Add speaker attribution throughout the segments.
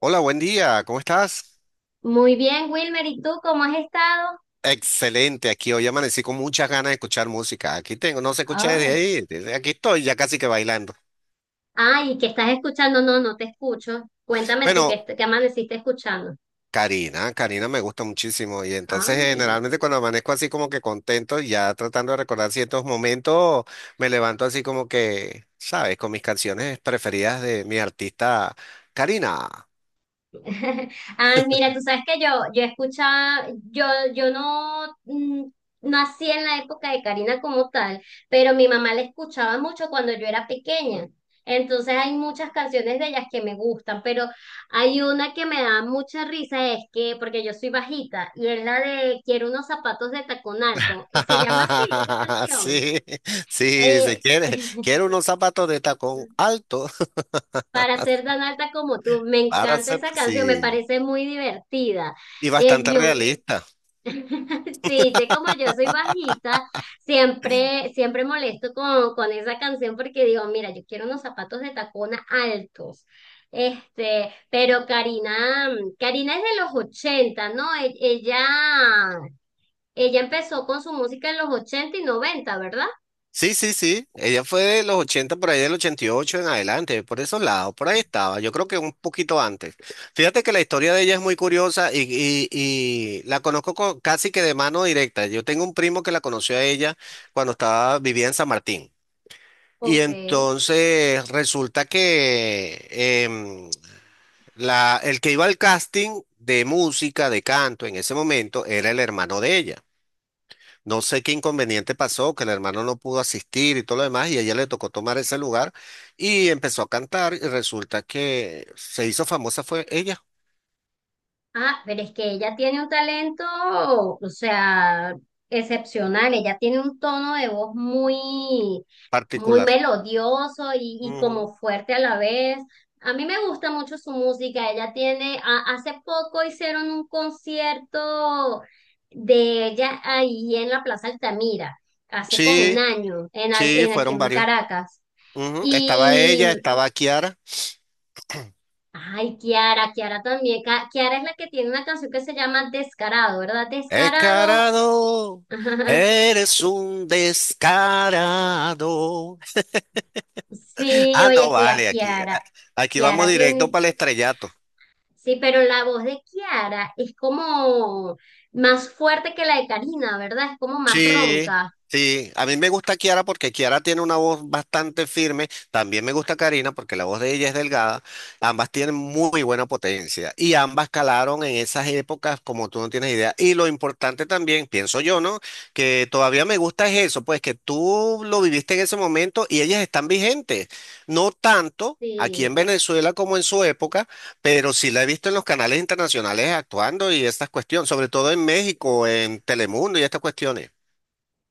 Speaker 1: Hola, buen día, ¿cómo estás?
Speaker 2: Muy bien, Wilmer, ¿y tú cómo has estado?
Speaker 1: Excelente, aquí hoy amanecí con muchas ganas de escuchar música. Aquí tengo, no se escucha desde
Speaker 2: Ay,
Speaker 1: ahí, desde aquí estoy ya casi que bailando.
Speaker 2: ay, ¿qué estás escuchando? No, no te escucho. Cuéntame tú qué,
Speaker 1: Bueno,
Speaker 2: qué amaneciste escuchando.
Speaker 1: Karina me gusta muchísimo y entonces
Speaker 2: Ay.
Speaker 1: generalmente cuando amanezco así como que contento, ya tratando de recordar ciertos momentos, me levanto así como que, ¿sabes? Con mis canciones preferidas de mi artista, Karina.
Speaker 2: Ah, mira, tú sabes que yo escuchaba, yo no no nací en la época de Karina como tal, pero mi mamá la escuchaba mucho cuando yo era pequeña. Entonces hay muchas canciones de ellas que me gustan, pero hay una que me da mucha risa, es que, porque yo soy bajita, y es la de Quiero unos zapatos de tacón alto. Y se llama así, esa canción.
Speaker 1: Sí, sí,
Speaker 2: Eh,
Speaker 1: se quiere, quiere unos zapatos de tacón alto
Speaker 2: Para ser tan alta como tú, me
Speaker 1: para
Speaker 2: encanta
Speaker 1: hacer,
Speaker 2: esa canción, me
Speaker 1: sí.
Speaker 2: parece muy divertida.
Speaker 1: Y bastante
Speaker 2: Yo
Speaker 1: realista.
Speaker 2: Sí, te como yo soy bajita, siempre molesto con esa canción porque digo, mira, yo quiero unos zapatos de tacona altos. Este, pero Karina, Karina es de los 80, ¿no? Ella, ella empezó con su música en los 80 y 90, ¿verdad?
Speaker 1: Sí, sí, sí. Ella fue de los 80 por ahí del 88 en adelante, por esos lados, por ahí estaba. Yo creo que un poquito antes. Fíjate que la historia de ella es muy curiosa y la conozco casi que de mano directa. Yo tengo un primo que la conoció a ella cuando estaba, vivía en San Martín. Y
Speaker 2: Ok.
Speaker 1: entonces resulta que em, la, el que iba al casting de música, de canto en ese momento, era el hermano de ella. No sé qué inconveniente pasó, que el hermano no pudo asistir y todo lo demás, y a ella le tocó tomar ese lugar y empezó a cantar y resulta que se hizo famosa fue ella,
Speaker 2: Ah, pero es que ella tiene un talento, o sea, excepcional. Ella tiene un tono de voz muy, muy
Speaker 1: particular.
Speaker 2: melodioso y como
Speaker 1: Ujú.
Speaker 2: fuerte a la vez. A mí me gusta mucho su música. Ella tiene, hace poco hicieron un concierto de ella ahí en la Plaza Altamira, hace como un
Speaker 1: Sí,
Speaker 2: año, en,
Speaker 1: sí,
Speaker 2: en aquí
Speaker 1: fueron
Speaker 2: en
Speaker 1: varios.
Speaker 2: Caracas.
Speaker 1: Ujú, estaba ella, estaba Kiara.
Speaker 2: Ay, Kiara, Kiara también. Kiara es la que tiene una canción que se llama Descarado, ¿verdad? Descarado.
Speaker 1: Descarado, eres un descarado.
Speaker 2: Sí,
Speaker 1: Ah, no,
Speaker 2: oye, que a
Speaker 1: vale, aquí,
Speaker 2: Kiara.
Speaker 1: aquí vamos
Speaker 2: Kiara
Speaker 1: directo
Speaker 2: tiene.
Speaker 1: para el estrellato.
Speaker 2: Sí, pero la voz de Kiara es como más fuerte que la de Karina, ¿verdad? Es como más
Speaker 1: Sí,
Speaker 2: ronca.
Speaker 1: sí. A mí me gusta Kiara porque Kiara tiene una voz bastante firme. También me gusta Karina porque la voz de ella es delgada. Ambas tienen muy buena potencia y ambas calaron en esas épocas como tú no tienes idea. Y lo importante también, pienso yo, ¿no? Que todavía me gusta es eso, pues que tú lo viviste en ese momento y ellas están vigentes. No tanto. Aquí
Speaker 2: Sí.
Speaker 1: en Venezuela como en su época, pero sí la he visto en los canales internacionales actuando y estas cuestiones, sobre todo en México, en Telemundo y estas cuestiones.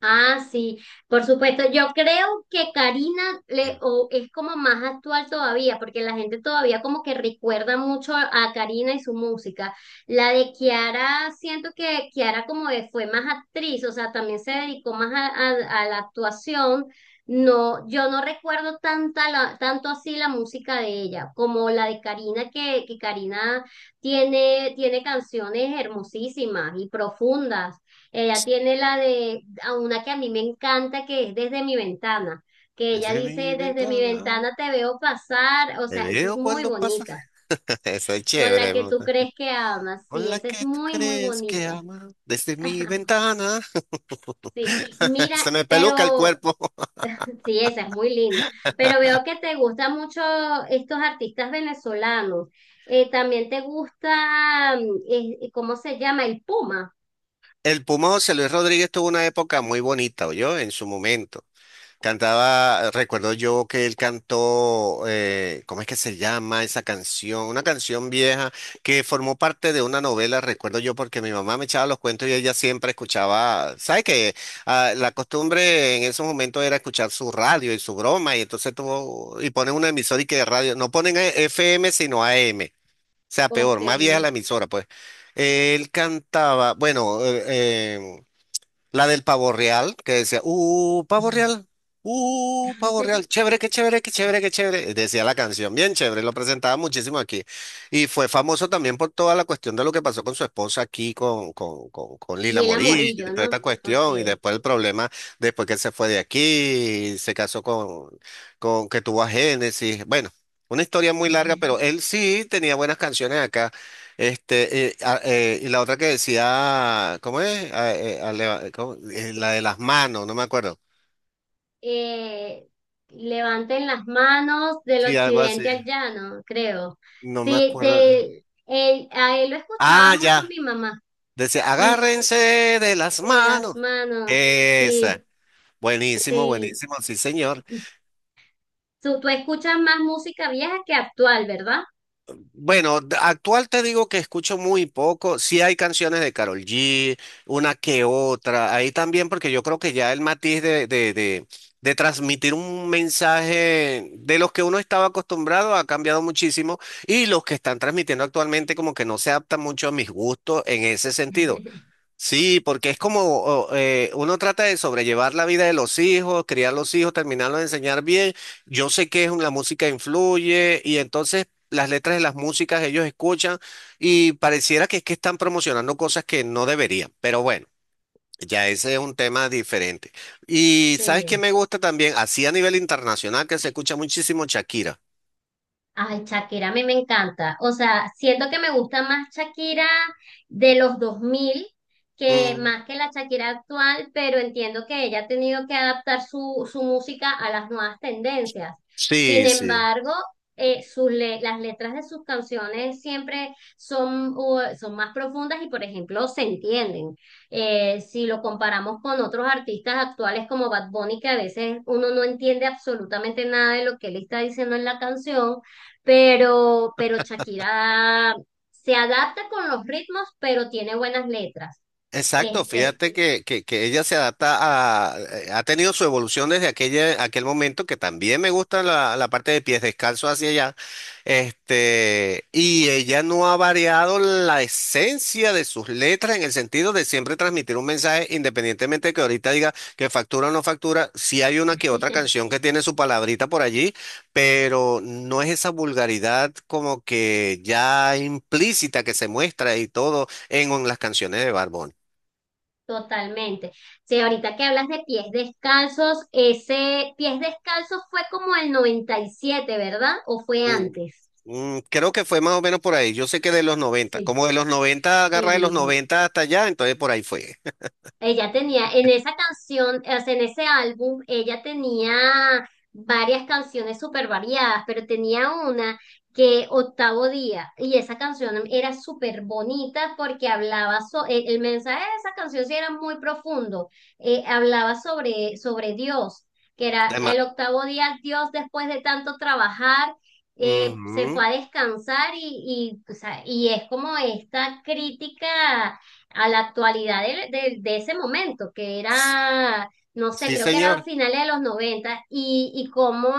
Speaker 2: Ah, sí, por supuesto. Yo creo que Karina le, o es como más actual todavía, porque la gente todavía como que recuerda mucho a Karina y su música. La de Kiara, siento que Kiara como que fue más actriz, o sea, también se dedicó más a, a la actuación. No, yo no recuerdo tanta tanto así la música de ella, como la de Karina, que Karina tiene, tiene canciones hermosísimas y profundas. Ella tiene la de a una que a mí me encanta, que es desde mi ventana, que ella
Speaker 1: Desde mi
Speaker 2: dice, desde mi
Speaker 1: ventana
Speaker 2: ventana te veo pasar, o
Speaker 1: te
Speaker 2: sea, esa es
Speaker 1: veo
Speaker 2: muy
Speaker 1: cuando pasas.
Speaker 2: bonita,
Speaker 1: Eso es
Speaker 2: con la
Speaker 1: chévere, me
Speaker 2: que tú
Speaker 1: gusta.
Speaker 2: crees que amas, sí,
Speaker 1: Con la
Speaker 2: esa
Speaker 1: que
Speaker 2: es
Speaker 1: tú
Speaker 2: muy, muy
Speaker 1: crees que
Speaker 2: bonita.
Speaker 1: ama. Desde mi ventana.
Speaker 2: Sí, mira,
Speaker 1: Se me peluca el
Speaker 2: pero
Speaker 1: cuerpo.
Speaker 2: sí, esa es muy linda, pero veo que te gustan mucho estos artistas venezolanos. También te gusta, ¿cómo se llama? El Puma,
Speaker 1: El Pumoso, Luis Rodríguez tuvo una época muy bonita, yo en su momento. Cantaba, recuerdo yo que él cantó, ¿cómo es que se llama esa canción? Una canción vieja que formó parte de una novela, recuerdo yo, porque mi mamá me echaba los cuentos y ella siempre escuchaba, ¿sabes qué? Ah, la costumbre en esos momentos era escuchar su radio y su broma, y entonces tuvo, y ponen una emisora y que de radio, no ponen FM sino AM, o sea, peor,
Speaker 2: ok.
Speaker 1: más vieja la emisora, pues. Él cantaba, bueno, la del pavo real, que decía, pavo real, chévere, qué chévere, qué chévere, qué chévere. Decía la canción, bien chévere, lo presentaba muchísimo aquí. Y fue famoso también por toda la cuestión de lo que pasó con su esposa aquí, con Lila
Speaker 2: Lila
Speaker 1: Morillo, y
Speaker 2: Morillo,
Speaker 1: toda esta
Speaker 2: ¿no? Ok.
Speaker 1: cuestión, y después el problema, después que él se fue de aquí, se casó con que tuvo a Génesis. Bueno, una historia muy larga, pero él sí tenía buenas canciones acá. Y la otra que decía, ¿cómo es? ¿Cómo? La de las manos, no me acuerdo.
Speaker 2: eh, levanten las manos del
Speaker 1: Sí, algo así.
Speaker 2: occidente al llano, creo.
Speaker 1: No me
Speaker 2: Sí,
Speaker 1: acuerdo.
Speaker 2: de él, a él lo escuchaba
Speaker 1: Ah,
Speaker 2: mucho
Speaker 1: ya.
Speaker 2: mi mamá,
Speaker 1: Decía,
Speaker 2: mm,
Speaker 1: agárrense de las
Speaker 2: de las
Speaker 1: manos.
Speaker 2: manos, sí,
Speaker 1: Esa. Buenísimo,
Speaker 2: sí.
Speaker 1: buenísimo, sí, señor.
Speaker 2: Tú escuchas más música vieja que actual, ¿verdad?
Speaker 1: Bueno, actual te digo que escucho muy poco. Sí hay canciones de Karol G, una que otra. Ahí también, porque yo creo que ya el matiz de transmitir un mensaje de los que uno estaba acostumbrado ha cambiado muchísimo y los que están transmitiendo actualmente como que no se adaptan mucho a mis gustos en ese sentido. Sí, porque es como uno trata de sobrellevar la vida de los hijos, criar los hijos, terminarlos de enseñar bien. Yo sé que es la música influye y entonces las letras de las músicas ellos escuchan y pareciera que es que están promocionando cosas que no deberían, pero bueno. Ya ese es un tema diferente. Y ¿sabes
Speaker 2: Sí.
Speaker 1: qué me gusta también? Así a nivel internacional que se escucha muchísimo Shakira.
Speaker 2: Ay, Shakira, a mí me encanta. O sea, siento que me gusta más Shakira de los 2000 que
Speaker 1: Mm,
Speaker 2: más que la Shakira actual, pero entiendo que ella ha tenido que adaptar su, su música a las nuevas tendencias. Sin
Speaker 1: sí, sí.
Speaker 2: embargo, las letras de sus canciones siempre son, son más profundas y, por ejemplo, se entienden. Si lo comparamos con otros artistas actuales como Bad Bunny, que a veces uno no entiende absolutamente nada de lo que él está diciendo en la canción pero Shakira se adapta con los ritmos, pero tiene buenas letras.
Speaker 1: Exacto,
Speaker 2: Este,
Speaker 1: fíjate que ella se adapta a, ha tenido su evolución desde aquella, aquel momento, que también me gusta la, la parte de pies descalzos hacia allá, este, y ella no ha variado la esencia de sus letras en el sentido de siempre transmitir un mensaje, independientemente de que ahorita diga que factura o no factura, sí hay una que otra canción que tiene su palabrita por allí, pero no es esa vulgaridad como que ya implícita que se muestra y todo en las canciones de Barbón.
Speaker 2: totalmente. Sí, ahorita que hablas de pies descalzos, ese pies descalzos fue como el 97, ¿verdad? ¿O fue
Speaker 1: Mm,
Speaker 2: antes?
Speaker 1: creo que fue más o menos por ahí. Yo sé que de los noventa,
Speaker 2: Sí,
Speaker 1: como de los 90 agarra de los
Speaker 2: sí.
Speaker 1: 90 hasta allá, entonces por ahí fue.
Speaker 2: Ella tenía, en esa canción, o sea, en ese álbum, ella tenía varias canciones súper variadas, pero tenía una que Octavo Día, y esa canción era súper bonita porque hablaba, el mensaje de esa canción sí era muy profundo, hablaba sobre, sobre Dios, que era
Speaker 1: Tema-
Speaker 2: el octavo día, Dios después de tanto trabajar, se
Speaker 1: ujú,
Speaker 2: fue a descansar y, o sea, y es como esta crítica a la actualidad de, de ese momento, que era, no sé,
Speaker 1: sí,
Speaker 2: creo que era
Speaker 1: señor.
Speaker 2: finales de los 90 y cómo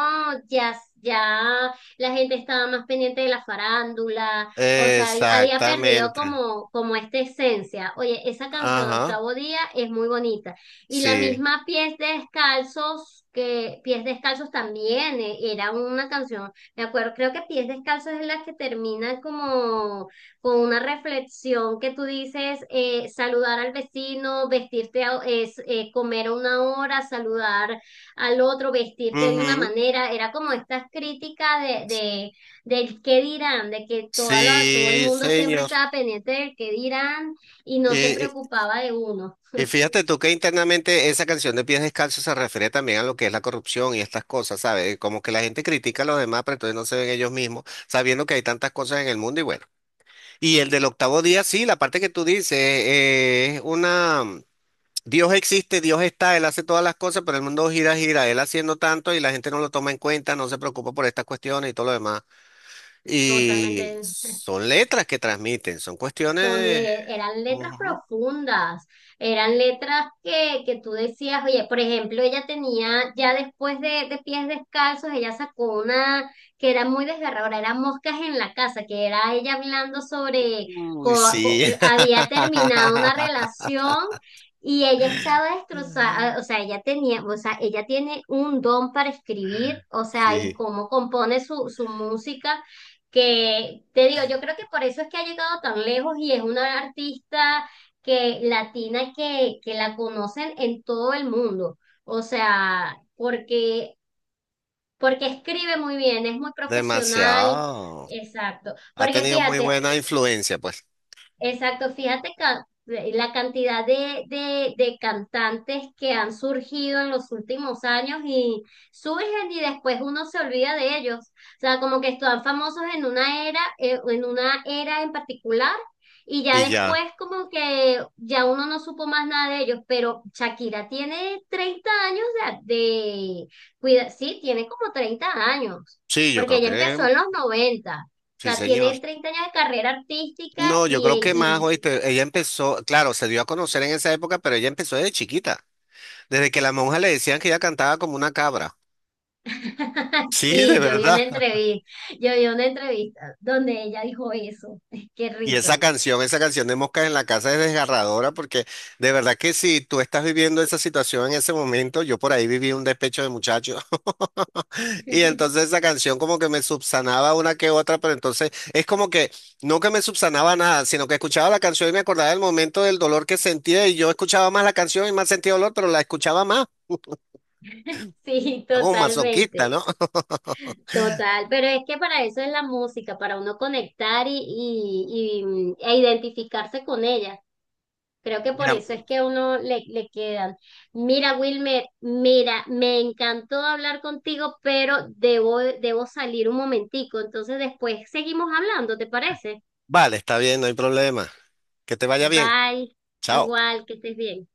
Speaker 2: ya, ya la gente estaba más pendiente de la farándula, o sea, había perdido
Speaker 1: Exactamente.
Speaker 2: como, como esta esencia. Oye, esa canción de
Speaker 1: Ajá,
Speaker 2: Octavo Día es muy bonita. Y la
Speaker 1: sí.
Speaker 2: misma Pies Descalzos, que Pies Descalzos también era una canción, me acuerdo, creo que Pies Descalzos es la que termina como con una reflexión que tú dices, saludar al vecino, vestirte, comer a una hora, saludar al otro, vestirte de una
Speaker 1: Ujú,
Speaker 2: manera, era como esta crítica de, del qué dirán, de que toda todo el
Speaker 1: sí,
Speaker 2: mundo siempre
Speaker 1: señor.
Speaker 2: estaba pendiente del qué dirán y no se
Speaker 1: Eh, eh,
Speaker 2: preocupaba de uno.
Speaker 1: Y, fíjate tú que internamente esa canción de Pies Descalzos se refiere también a lo que es la corrupción y estas cosas, ¿sabes? Como que la gente critica a los demás, pero entonces no se ven ellos mismos, sabiendo que hay tantas cosas en el mundo y bueno. Y el del octavo día, sí, la parte que tú dices, es una... Dios existe, Dios está, Él hace todas las cosas, pero el mundo gira, gira, Él haciendo tanto y la gente no lo toma en cuenta, no se preocupa por estas cuestiones y todo lo demás. Y
Speaker 2: Totalmente.
Speaker 1: son letras que transmiten, son cuestiones...
Speaker 2: Eran letras
Speaker 1: Ujú.
Speaker 2: profundas, eran letras que tú decías, oye, por ejemplo, ella tenía, ya después de Pies Descalzos, ella sacó una que era muy desgarradora, era Moscas en la Casa, que era ella hablando sobre,
Speaker 1: Uy, sí.
Speaker 2: había terminado una relación y ella estaba
Speaker 1: Ujú.
Speaker 2: destrozada, ah, o sea, ella tenía, o sea, ella tiene un don para escribir, o sea, y
Speaker 1: Sí,
Speaker 2: cómo compone su, su música que te digo, yo creo que por eso es que ha llegado tan lejos y es una artista que latina que la conocen en todo el mundo. O sea, porque, porque escribe muy bien, es muy profesional.
Speaker 1: demasiado.
Speaker 2: Exacto.
Speaker 1: Ha
Speaker 2: Porque
Speaker 1: tenido muy
Speaker 2: fíjate,
Speaker 1: buena influencia, pues.
Speaker 2: exacto, fíjate la cantidad de cantantes que han surgido en los últimos años y surgen y después uno se olvida de ellos. O sea, como que están famosos en una era, en una era en particular y ya
Speaker 1: Y
Speaker 2: después
Speaker 1: ya.
Speaker 2: como que ya uno no supo más nada de ellos, pero Shakira tiene 30 años de, sí, tiene como 30 años,
Speaker 1: Sí, yo
Speaker 2: porque
Speaker 1: creo
Speaker 2: ella
Speaker 1: que
Speaker 2: empezó en los 90. O
Speaker 1: sí,
Speaker 2: sea,
Speaker 1: señor.
Speaker 2: tiene 30 años de carrera artística
Speaker 1: No, yo creo que más, oíste, ella empezó, claro, se dio a conocer en esa época, pero ella empezó desde chiquita, desde que las monjas le decían que ella cantaba como una cabra. Sí, de
Speaker 2: sí, yo vi
Speaker 1: verdad.
Speaker 2: una entrevista, yo vi una entrevista donde ella dijo eso. Qué
Speaker 1: Y
Speaker 2: risa.
Speaker 1: esa canción de Moscas en la Casa es desgarradora porque de verdad que si tú estás viviendo esa situación en ese momento, yo por ahí viví un despecho de muchacho y entonces esa canción como que me subsanaba una que otra, pero entonces es como que no que me subsanaba nada, sino que escuchaba la canción y me acordaba del momento del dolor que sentía y yo escuchaba más la canción y más sentía dolor, pero la escuchaba más.
Speaker 2: Sí,
Speaker 1: Como un
Speaker 2: totalmente,
Speaker 1: masoquista, ¿no?
Speaker 2: total. Pero es que para eso es la música, para uno conectar y e identificarse con ella. Creo que por
Speaker 1: Mira,
Speaker 2: eso es que a uno le, le quedan. Mira, Wilmer, mira, me encantó hablar contigo, pero debo, debo salir un momentico. Entonces después seguimos hablando, ¿te parece?
Speaker 1: vale, está bien, no hay problema. Que te vaya bien.
Speaker 2: Bye,
Speaker 1: Chao.
Speaker 2: igual, que estés bien.